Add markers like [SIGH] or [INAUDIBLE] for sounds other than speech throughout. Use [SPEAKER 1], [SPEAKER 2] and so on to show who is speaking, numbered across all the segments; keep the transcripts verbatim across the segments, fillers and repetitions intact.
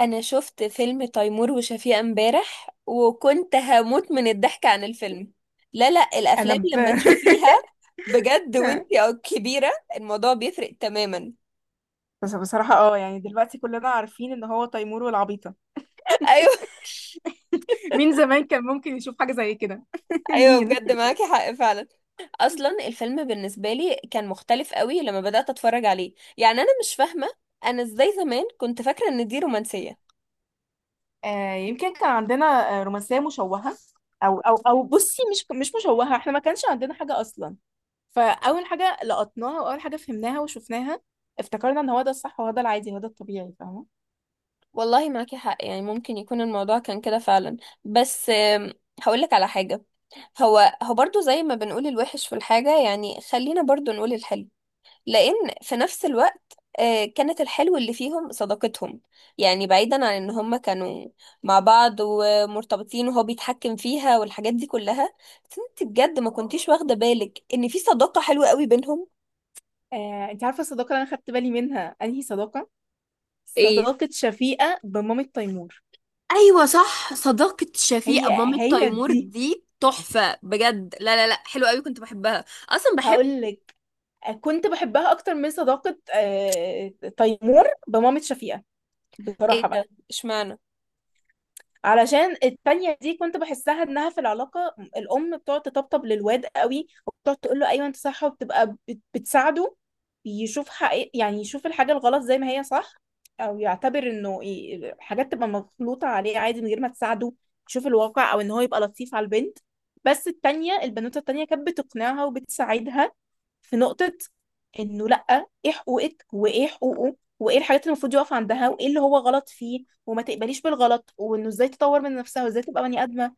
[SPEAKER 1] انا شفت فيلم تيمور وشفيقة امبارح وكنت هموت من الضحك عن الفيلم. لا لا،
[SPEAKER 2] انا
[SPEAKER 1] الافلام
[SPEAKER 2] ب...
[SPEAKER 1] لما
[SPEAKER 2] [LAUGHS]
[SPEAKER 1] تشوفيها بجد وانتي او كبيرة، الموضوع بيفرق تماما.
[SPEAKER 2] بس بصراحة اه يعني دلوقتي كلنا عارفين ان هو تيمور والعبيطة.
[SPEAKER 1] [LAUGHS] ايوه،
[SPEAKER 2] [LAUGHS] مين زمان كان ممكن يشوف حاجة زي كده؟ [LAUGHS]
[SPEAKER 1] ايوه
[SPEAKER 2] مين؟
[SPEAKER 1] بجد، معاكي حق فعلا. اصلا الفيلم بالنسبة لي كان مختلف قوي لما بدأت اتفرج عليه، يعني انا مش فاهمة انا ازاي زمان كنت فاكرة ان دي رومانسية.
[SPEAKER 2] آه، يمكن كان عندنا آه، رومانسية مشوهة. او او او بصي، مش مش مشوهة، احنا ما كانش عندنا حاجة اصلا. فاول حاجة لقطناها واول حاجة فهمناها وشفناها افتكرنا ان هو ده الصح وهو ده العادي وهو ده الطبيعي، فاهمة؟
[SPEAKER 1] والله معاكي حق، يعني ممكن يكون الموضوع كان كده فعلا. بس آم، هقولك على حاجة. هو هو برضو، زي ما بنقول الوحش في الحاجة، يعني خلينا برضو نقول الحلو. لأن في نفس الوقت، آه، كانت الحلو اللي فيهم صداقتهم. يعني بعيدا عن ان هم كانوا مع بعض ومرتبطين وهو بيتحكم فيها والحاجات دي كلها، بس انت بجد ما كنتيش واخدة بالك ان في صداقة حلوة قوي بينهم.
[SPEAKER 2] آه، انت عارفة الصداقة اللي انا خدت بالي منها انهي صداقة؟ صداقة شفيقة بمامة تيمور.
[SPEAKER 1] ايوه صح، صداقة شفيقة
[SPEAKER 2] هي
[SPEAKER 1] مامة
[SPEAKER 2] هي
[SPEAKER 1] تيمور
[SPEAKER 2] دي
[SPEAKER 1] دي تحفة بجد. لا لا لا، حلوة قوي، كنت بحبها اصلا بحب.
[SPEAKER 2] هقول لك، كنت بحبها اكتر من صداقة آه، تيمور بمامة شفيقة، بصراحة
[SPEAKER 1] ايه ده،
[SPEAKER 2] بقى.
[SPEAKER 1] اشمعنى؟
[SPEAKER 2] علشان التانية دي كنت بحسها انها في العلاقة الام، بتقعد تطبطب للواد قوي وبتقعد تقول له ايوه انت صح، وبتبقى بت- بتساعده يشوف حقيقة، يعني يشوف الحاجة الغلط زي ما هي صح، او يعتبر انه ي- حاجات تبقى مغلوطة عليه عادي من غير ما تساعده يشوف الواقع، او ان هو يبقى لطيف على البنت. بس التانية، البنوتة التانية، كانت بتقنعها وبتساعدها في نقطة انه لأ، ايه حقوقك وايه حقوقه وايه الحاجات اللي المفروض يقف عندها وايه اللي هو غلط فيه، وما تقبليش بالغلط، وانه ازاي تطور من نفسها وازاي تبقى بني آدمة.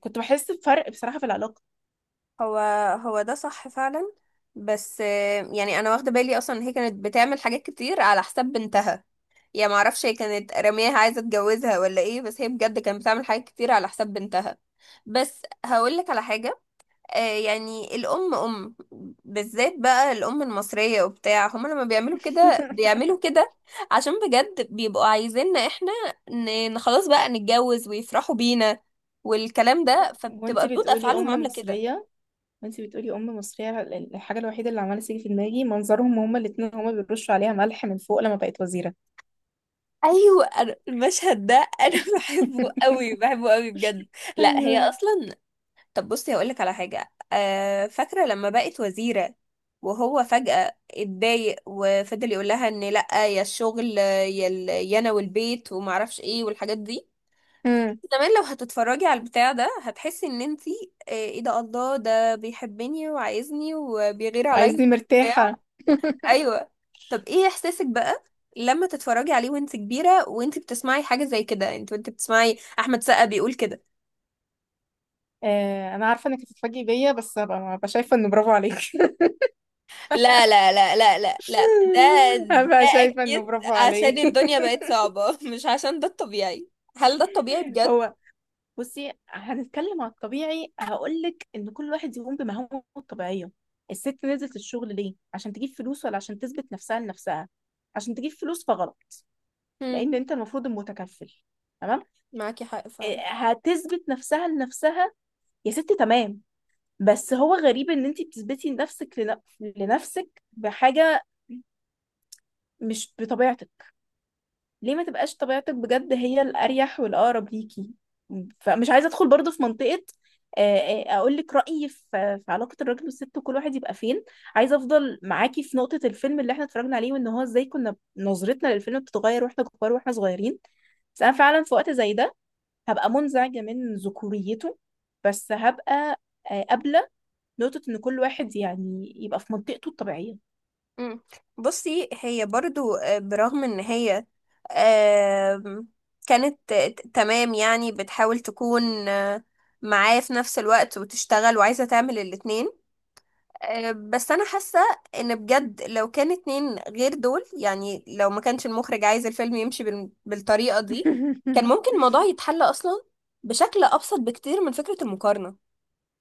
[SPEAKER 2] كنت بحس بفرق بصراحة في العلاقة.
[SPEAKER 1] هو هو ده صح فعلا. بس آه، يعني انا واخده بالي اصلا إن هي كانت بتعمل حاجات كتير على حساب بنتها. يا ما اعرفش هي كانت رميها عايزه تتجوزها ولا ايه، بس هي بجد كانت بتعمل حاجات كتير على حساب بنتها. بس هقول لك على حاجه. آه، يعني الأم أم، بالذات بقى الأم المصرية وبتاع، هما لما بيعملوا كده بيعملوا
[SPEAKER 2] [LAUGHS]
[SPEAKER 1] كده عشان بجد بيبقوا عايزيننا احنا، ن- ن- خلاص بقى نتجوز ويفرحوا بينا والكلام ده، فبتبقى
[SPEAKER 2] وانتي
[SPEAKER 1] ردود
[SPEAKER 2] بتقولي
[SPEAKER 1] أفعالهم
[SPEAKER 2] أم
[SPEAKER 1] عاملة كده.
[SPEAKER 2] مصرية، وانتي بتقولي أم مصرية الحاجة الوحيدة اللي عمالة تيجي في دماغي منظرهم هما الاتنين، هما بيرشوا عليها ملح من فوق لما بقت وزيرة.
[SPEAKER 1] أيوة، أنا- المشهد ده أنا [LAUGHS] بحبه
[SPEAKER 2] [LAUGHS]
[SPEAKER 1] قوي، بحبه قوي بجد. لا هي
[SPEAKER 2] ايوه.
[SPEAKER 1] أصلا. طب بصي، هقولك على حاجة. آه فاكرة لما بقت وزيرة وهو فجأة اتضايق وفضل يقول لها ان لأ، يا الشغل يا ال- يا انا والبيت ومعرفش ايه والحاجات دي؟
[SPEAKER 2] امم
[SPEAKER 1] زمان لو هتتفرجي على البتاع ده هتحسي ان انتي، آه، ايه ده، الله، ده بيحبني وعايزني وبيغير عليا
[SPEAKER 2] عايزني
[SPEAKER 1] وبتاع.
[SPEAKER 2] مرتاحة.
[SPEAKER 1] ايوه. طب ايه احساسك بقى لما تتفرجي عليه وانت كبيرة، وانت بتسمعي حاجة زي كده، انت وانت بتسمعي احمد سقا بيقول كده؟
[SPEAKER 2] آه، انا عارفه انك هتتفاجئي بيا، بس هبقى هبقى شايفه انه برافو عليك. [LAUGHS]
[SPEAKER 1] لا لا لا لا لا لا، ده ده
[SPEAKER 2] هبقى شايفه انه
[SPEAKER 1] اكيد
[SPEAKER 2] برافو
[SPEAKER 1] عشان
[SPEAKER 2] عليك.
[SPEAKER 1] الدنيا بقت صعبة [LAUGHS] مش عشان ده الطبيعي. هل ده الطبيعي
[SPEAKER 2] [LAUGHS]
[SPEAKER 1] بجد؟
[SPEAKER 2] هو، بصي هنتكلم على الطبيعي. هقولك ان كل واحد يقوم بمهامه الطبيعيه. الست نزلت الشغل ليه؟ عشان تجيب فلوس ولا عشان تثبت نفسها لنفسها؟ عشان تجيب فلوس فغلط،
[SPEAKER 1] مم.
[SPEAKER 2] لان انت المفروض المتكفل، تمام.
[SPEAKER 1] معاكي حق
[SPEAKER 2] إيه،
[SPEAKER 1] فعلا.
[SPEAKER 2] هتثبت نفسها لنفسها، يا ست، تمام. بس هو غريب ان انت بتثبتي نفسك لن- لنفسك بحاجه مش بطبيعتك. ليه ما تبقاش طبيعتك، بجد هي الأريح والأقرب ليكي. فمش عايزة أدخل برضو في منطقة. آه، آه، أقول لك رأيي في في علاقة الراجل والست وكل واحد يبقى فين. عايزة أفضل معاكي في نقطة الفيلم اللي احنا اتفرجنا عليه، وإن هو إزاي كنا نظرتنا للفيلم بتتغير واحنا كبار واحنا صغيرين. بس أنا فعلا في وقت زي ده هبقى منزعجة من ذكوريته، بس هبقى آه، قابلة نقطة إن كل واحد يعني يبقى في منطقته الطبيعية.
[SPEAKER 1] مم. بصي، هي برضو، آه، برغم ان هي آم، كانت آه، ت- تمام، يعني بتحاول تكون آه، معاه في نفس الوقت وتشتغل وعايزة تعمل الاتنين. آه، بس انا حاسه ان بجد لو كان اتنين غير دول، يعني لو ما كانش المخرج عايز الفيلم يمشي بال- بالطريقه دي، كان ممكن
[SPEAKER 2] [LAUGHS]
[SPEAKER 1] الموضوع يتحل اصلا بشكل ابسط بكتير من فكره المقارنه.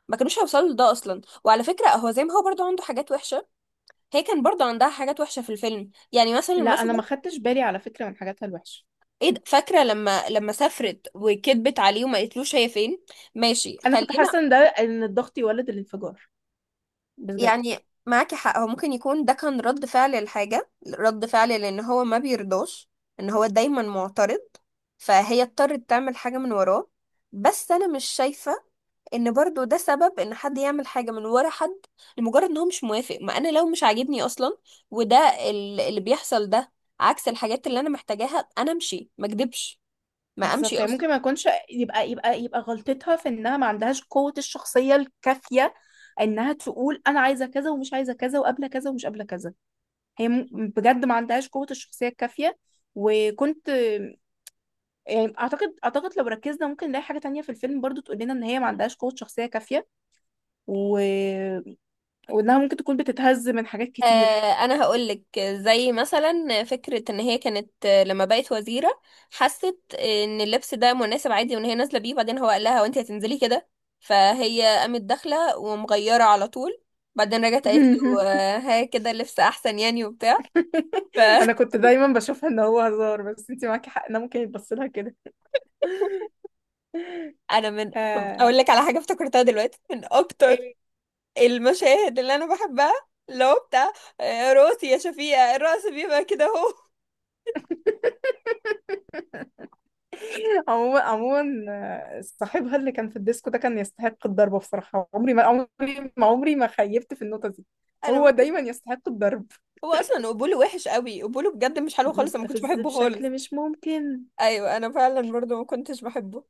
[SPEAKER 1] ما كانوش هيوصلوا لده اصلا. وعلى فكره، هو زي ما هو برضو عنده حاجات وحشه، هي كان برضو عندها حاجات وحشه في الفيلم. يعني مثلا
[SPEAKER 2] لا
[SPEAKER 1] مثلا،
[SPEAKER 2] أنا ما خدتش بالي على فكرة من حاجاتها الوحشة.
[SPEAKER 1] ايه ده؟ فاكره لما لما سافرت وكذبت عليه وما قالتلوش هي فين؟ ماشي
[SPEAKER 2] انا كنت
[SPEAKER 1] خلينا.
[SPEAKER 2] حاسه ان ده، ان الضغط يولد الانفجار، بجد.
[SPEAKER 1] يعني معاكي حق، هو ممكن يكون ده كان رد فعل الحاجة، رد فعل لأن هو ما بيرضاش، إن هو دايما معترض، فهي اضطرت تعمل حاجة من وراه. بس أنا مش شايفة إن برضو ده سبب إن حد يعمل حاجة من ورا حد لمجرد إن هو مش موافق. ما أنا لو مش عاجبني أصلا وده ال- اللي بيحصل ده عكس الحاجات اللي أنا محتاجاها، أنا أمشي ما أكدبش، ما أمشي
[SPEAKER 2] بالظبط، يعني
[SPEAKER 1] أصلا.
[SPEAKER 2] ممكن ما يكونش يبقى يبقى يبقى غلطتها في انها ما عندهاش قوه الشخصيه الكافيه، انها تقول انا عايزه كذا ومش عايزه كذا وقابله كذا ومش قابله كذا. هي م-، بجد ما عندهاش قوه الشخصيه الكافيه. وكنت، يعني اعتقد اعتقد لو ركزنا ممكن نلاقي حاجه تانية في الفيلم برضو تقول لنا ان هي ما عندهاش قوه شخصيه كافيه، و... وانها ممكن تكون بتتهز من حاجات كتير.
[SPEAKER 1] آه، انا هقولك، زي مثلا فكرة ان هي كانت، آه، لما بقت وزيرة، حست ان اللبس ده مناسب عادي وان هي نازلة بيه، بعدين هو قال لها وانت هتنزلي كده؟ فهي قامت داخلة ومغيرة على طول. بعدين رجعت قالت له
[SPEAKER 2] [LAUGHS]
[SPEAKER 1] آه، ها كده لبس احسن يعني وبتاع.
[SPEAKER 2] [LAUGHS]
[SPEAKER 1] فانا
[SPEAKER 2] انا كنت دايما بشوفها ان هو هزار، بس انت معاكي حق، انا ممكن يتبص لها كده.
[SPEAKER 1] [LAUGHS] من طب
[SPEAKER 2] آه.
[SPEAKER 1] اقول لك على حاجة افتكرتها دلوقتي من اكتر
[SPEAKER 2] ايه.
[SPEAKER 1] المشاهد اللي انا بحبها، اللي هو بتاع آه، راسي يا شفيقة، الرأس بيبقى كده اهو.
[SPEAKER 2] [LAUGHS] عموما عموما، آه، صاحبها اللي كان في الديسكو ده كان يستحق الضرب بصراحة. عمري ما عمري ما عمري ما خيبت في النقطة دي.
[SPEAKER 1] [LAUGHS]
[SPEAKER 2] هو
[SPEAKER 1] انا،
[SPEAKER 2] دايما يستحق الضرب.
[SPEAKER 1] هو اصلا قبوله وحش قوي، قبوله بجد مش حلو خالص، انا ما كنتش
[SPEAKER 2] مستفز
[SPEAKER 1] بحبه خالص.
[SPEAKER 2] بشكل مش ممكن.
[SPEAKER 1] ايوه، انا فعلا برضو ما كنتش بحبه.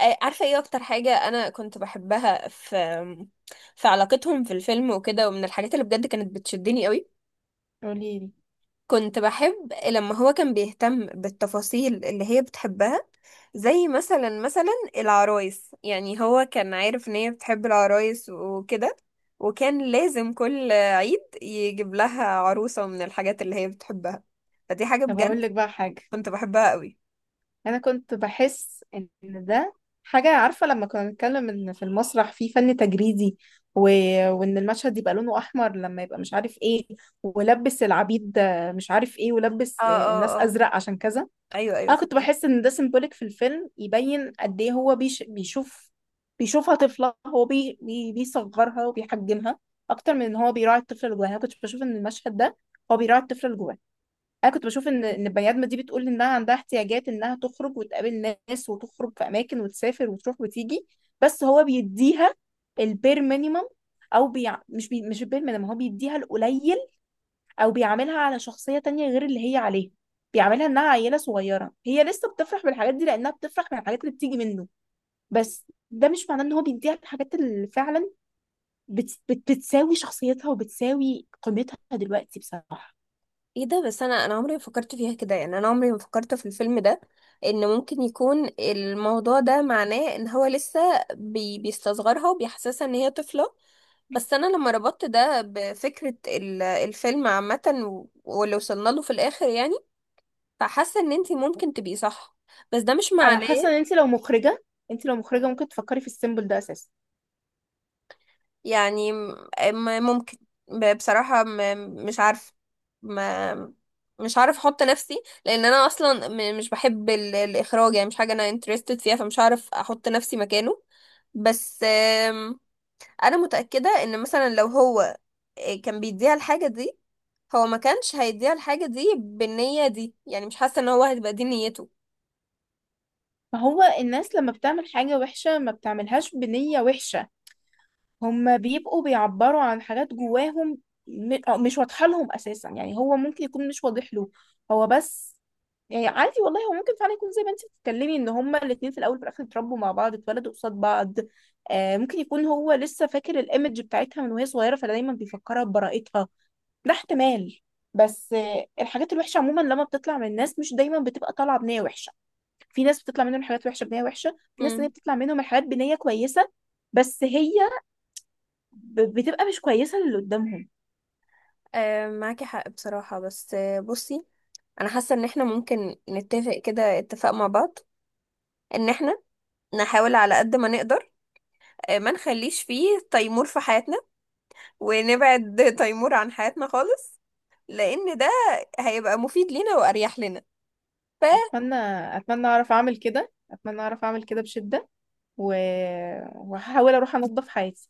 [SPEAKER 1] آه، عارفه ايه اكتر حاجه انا كنت بحبها في في علاقتهم في الفيلم وكده، ومن الحاجات اللي بجد كانت بتشدني قوي،
[SPEAKER 2] قولي لي.
[SPEAKER 1] كنت بحب لما هو كان بيهتم بالتفاصيل اللي هي بتحبها، زي مثلا مثلا العرايس. يعني هو كان عارف ان هي بتحب العرايس وكده، وكان لازم كل عيد يجيب لها عروسة من الحاجات اللي هي بتحبها. فدي حاجة
[SPEAKER 2] طب
[SPEAKER 1] بجد
[SPEAKER 2] اقول لك بقى حاجة.
[SPEAKER 1] كنت بحبها قوي.
[SPEAKER 2] انا كنت بحس ان ده حاجه، عارفه لما كنا بنتكلم ان في المسرح في فن تجريدي و... وان المشهد يبقى لونه احمر لما يبقى مش عارف ايه، ولبس العبيد مش عارف ايه،
[SPEAKER 1] اه
[SPEAKER 2] ولبس الناس
[SPEAKER 1] اه اه،
[SPEAKER 2] ازرق عشان كذا.
[SPEAKER 1] ايوه ايوه،
[SPEAKER 2] انا كنت
[SPEAKER 1] فاهمك.
[SPEAKER 2] بحس ان ده سيمبوليك في الفيلم، يبين قد ايه هو بيش... بيشوف بيشوفها طفله. هو بي... بي... بيصغرها وبيحجمها اكتر من ان هو بيراعي الطفل اللي جواها. انا كنت بشوف ان المشهد ده هو بيراعي الطفل اللي جواها. انا كنت بشوف ان ان البني ادمه دي بتقول انها عندها احتياجات، انها تخرج وتقابل ناس وتخرج في اماكن وتسافر وتروح وتيجي. بس هو بيديها البير مينيمم، او بيع... مش بي... مش البير مينيمم، هو بيديها القليل، او بيعاملها على شخصيه تانية غير اللي هي عليها. بيعاملها انها عيله صغيره هي لسه بتفرح بالحاجات دي، لانها بتفرح بالحاجات اللي بتيجي منه. بس ده مش معناه ان هو بيديها الحاجات اللي فعلا بت... بت... بتساوي شخصيتها وبتساوي قيمتها دلوقتي، بصراحه.
[SPEAKER 1] ايه ده، بس انا انا عمري ما فكرت فيها كده. يعني انا عمري ما فكرت في الفيلم ده ان ممكن يكون الموضوع ده معناه ان هو لسه بي بيستصغرها وبيحسسها ان هي طفلة. بس انا لما ربطت ده بفكرة ال- الفيلم عامة و- واللي وصلنا له في الاخر، يعني فحاسة ان انتي ممكن تبقي صح، بس ده مش
[SPEAKER 2] انا
[SPEAKER 1] معناه.
[SPEAKER 2] حاسه ان انت لو مخرجه انت لو مخرجه ممكن تفكري في السيمبل ده اساسا.
[SPEAKER 1] يعني م- م- ممكن. ب- بصراحة م- مش عارف. ما مش عارف احط نفسي، لان انا اصلا م- مش بحب ال- الاخراج، يعني مش حاجة انا interested فيها، فمش عارف احط نفسي مكانه. بس آم، انا متأكدة ان مثلا لو هو آه، كان بيديها الحاجة دي، هو ما كانش هيديها الحاجة دي بالنية دي. يعني مش حاسة ان هو هتبقى دي نيته.
[SPEAKER 2] فهو الناس لما بتعمل حاجه وحشه ما بتعملهاش بنيه وحشه، هم بيبقوا بيعبروا عن حاجات جواهم، م- أو مش واضحه لهم اساسا، يعني هو ممكن يكون مش واضح له هو. بس يعني عادي والله، هو ممكن فعلا يكون زي ما انت بتتكلمي ان هما الاتنين في الاول وفي الاخر اتربوا مع بعض، اتولدوا قصاد بعض. آه ممكن يكون هو لسه فاكر الايمج بتاعتها من وهي صغيره فدايما بيفكرها ببراءتها، ده احتمال. بس آه، الحاجات الوحشة عموما لما بتطلع من الناس مش دايما بتبقى طالعة بنية وحشة. في ناس بتطلع منهم حاجات وحشة بنية وحشة، في ناس تانية
[SPEAKER 1] امم،
[SPEAKER 2] بتطلع منهم الحاجات بنية كويسة. بس هي ب- بتبقى مش كويسة للي قدامهم.
[SPEAKER 1] آه معاكي حق بصراحة. بس آه، بصي، انا حاسة ان احنا ممكن نتفق كده اتفاق مع بعض، ان احنا نحاول على قد ما نقدر آه، ما نخليش فيه تيمور في حياتنا، ونبعد تيمور عن حياتنا خالص، لان ده هيبقى مفيد لينا واريح لنا.
[SPEAKER 2] أتمنى، أتمنى أعرف أعمل كده أتمنى أعرف أعمل كده بشدة، و... وهحاول أروح أنظف حياتي.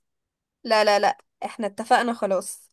[SPEAKER 1] فلا لا لا، احنا اتفقنا خلاص.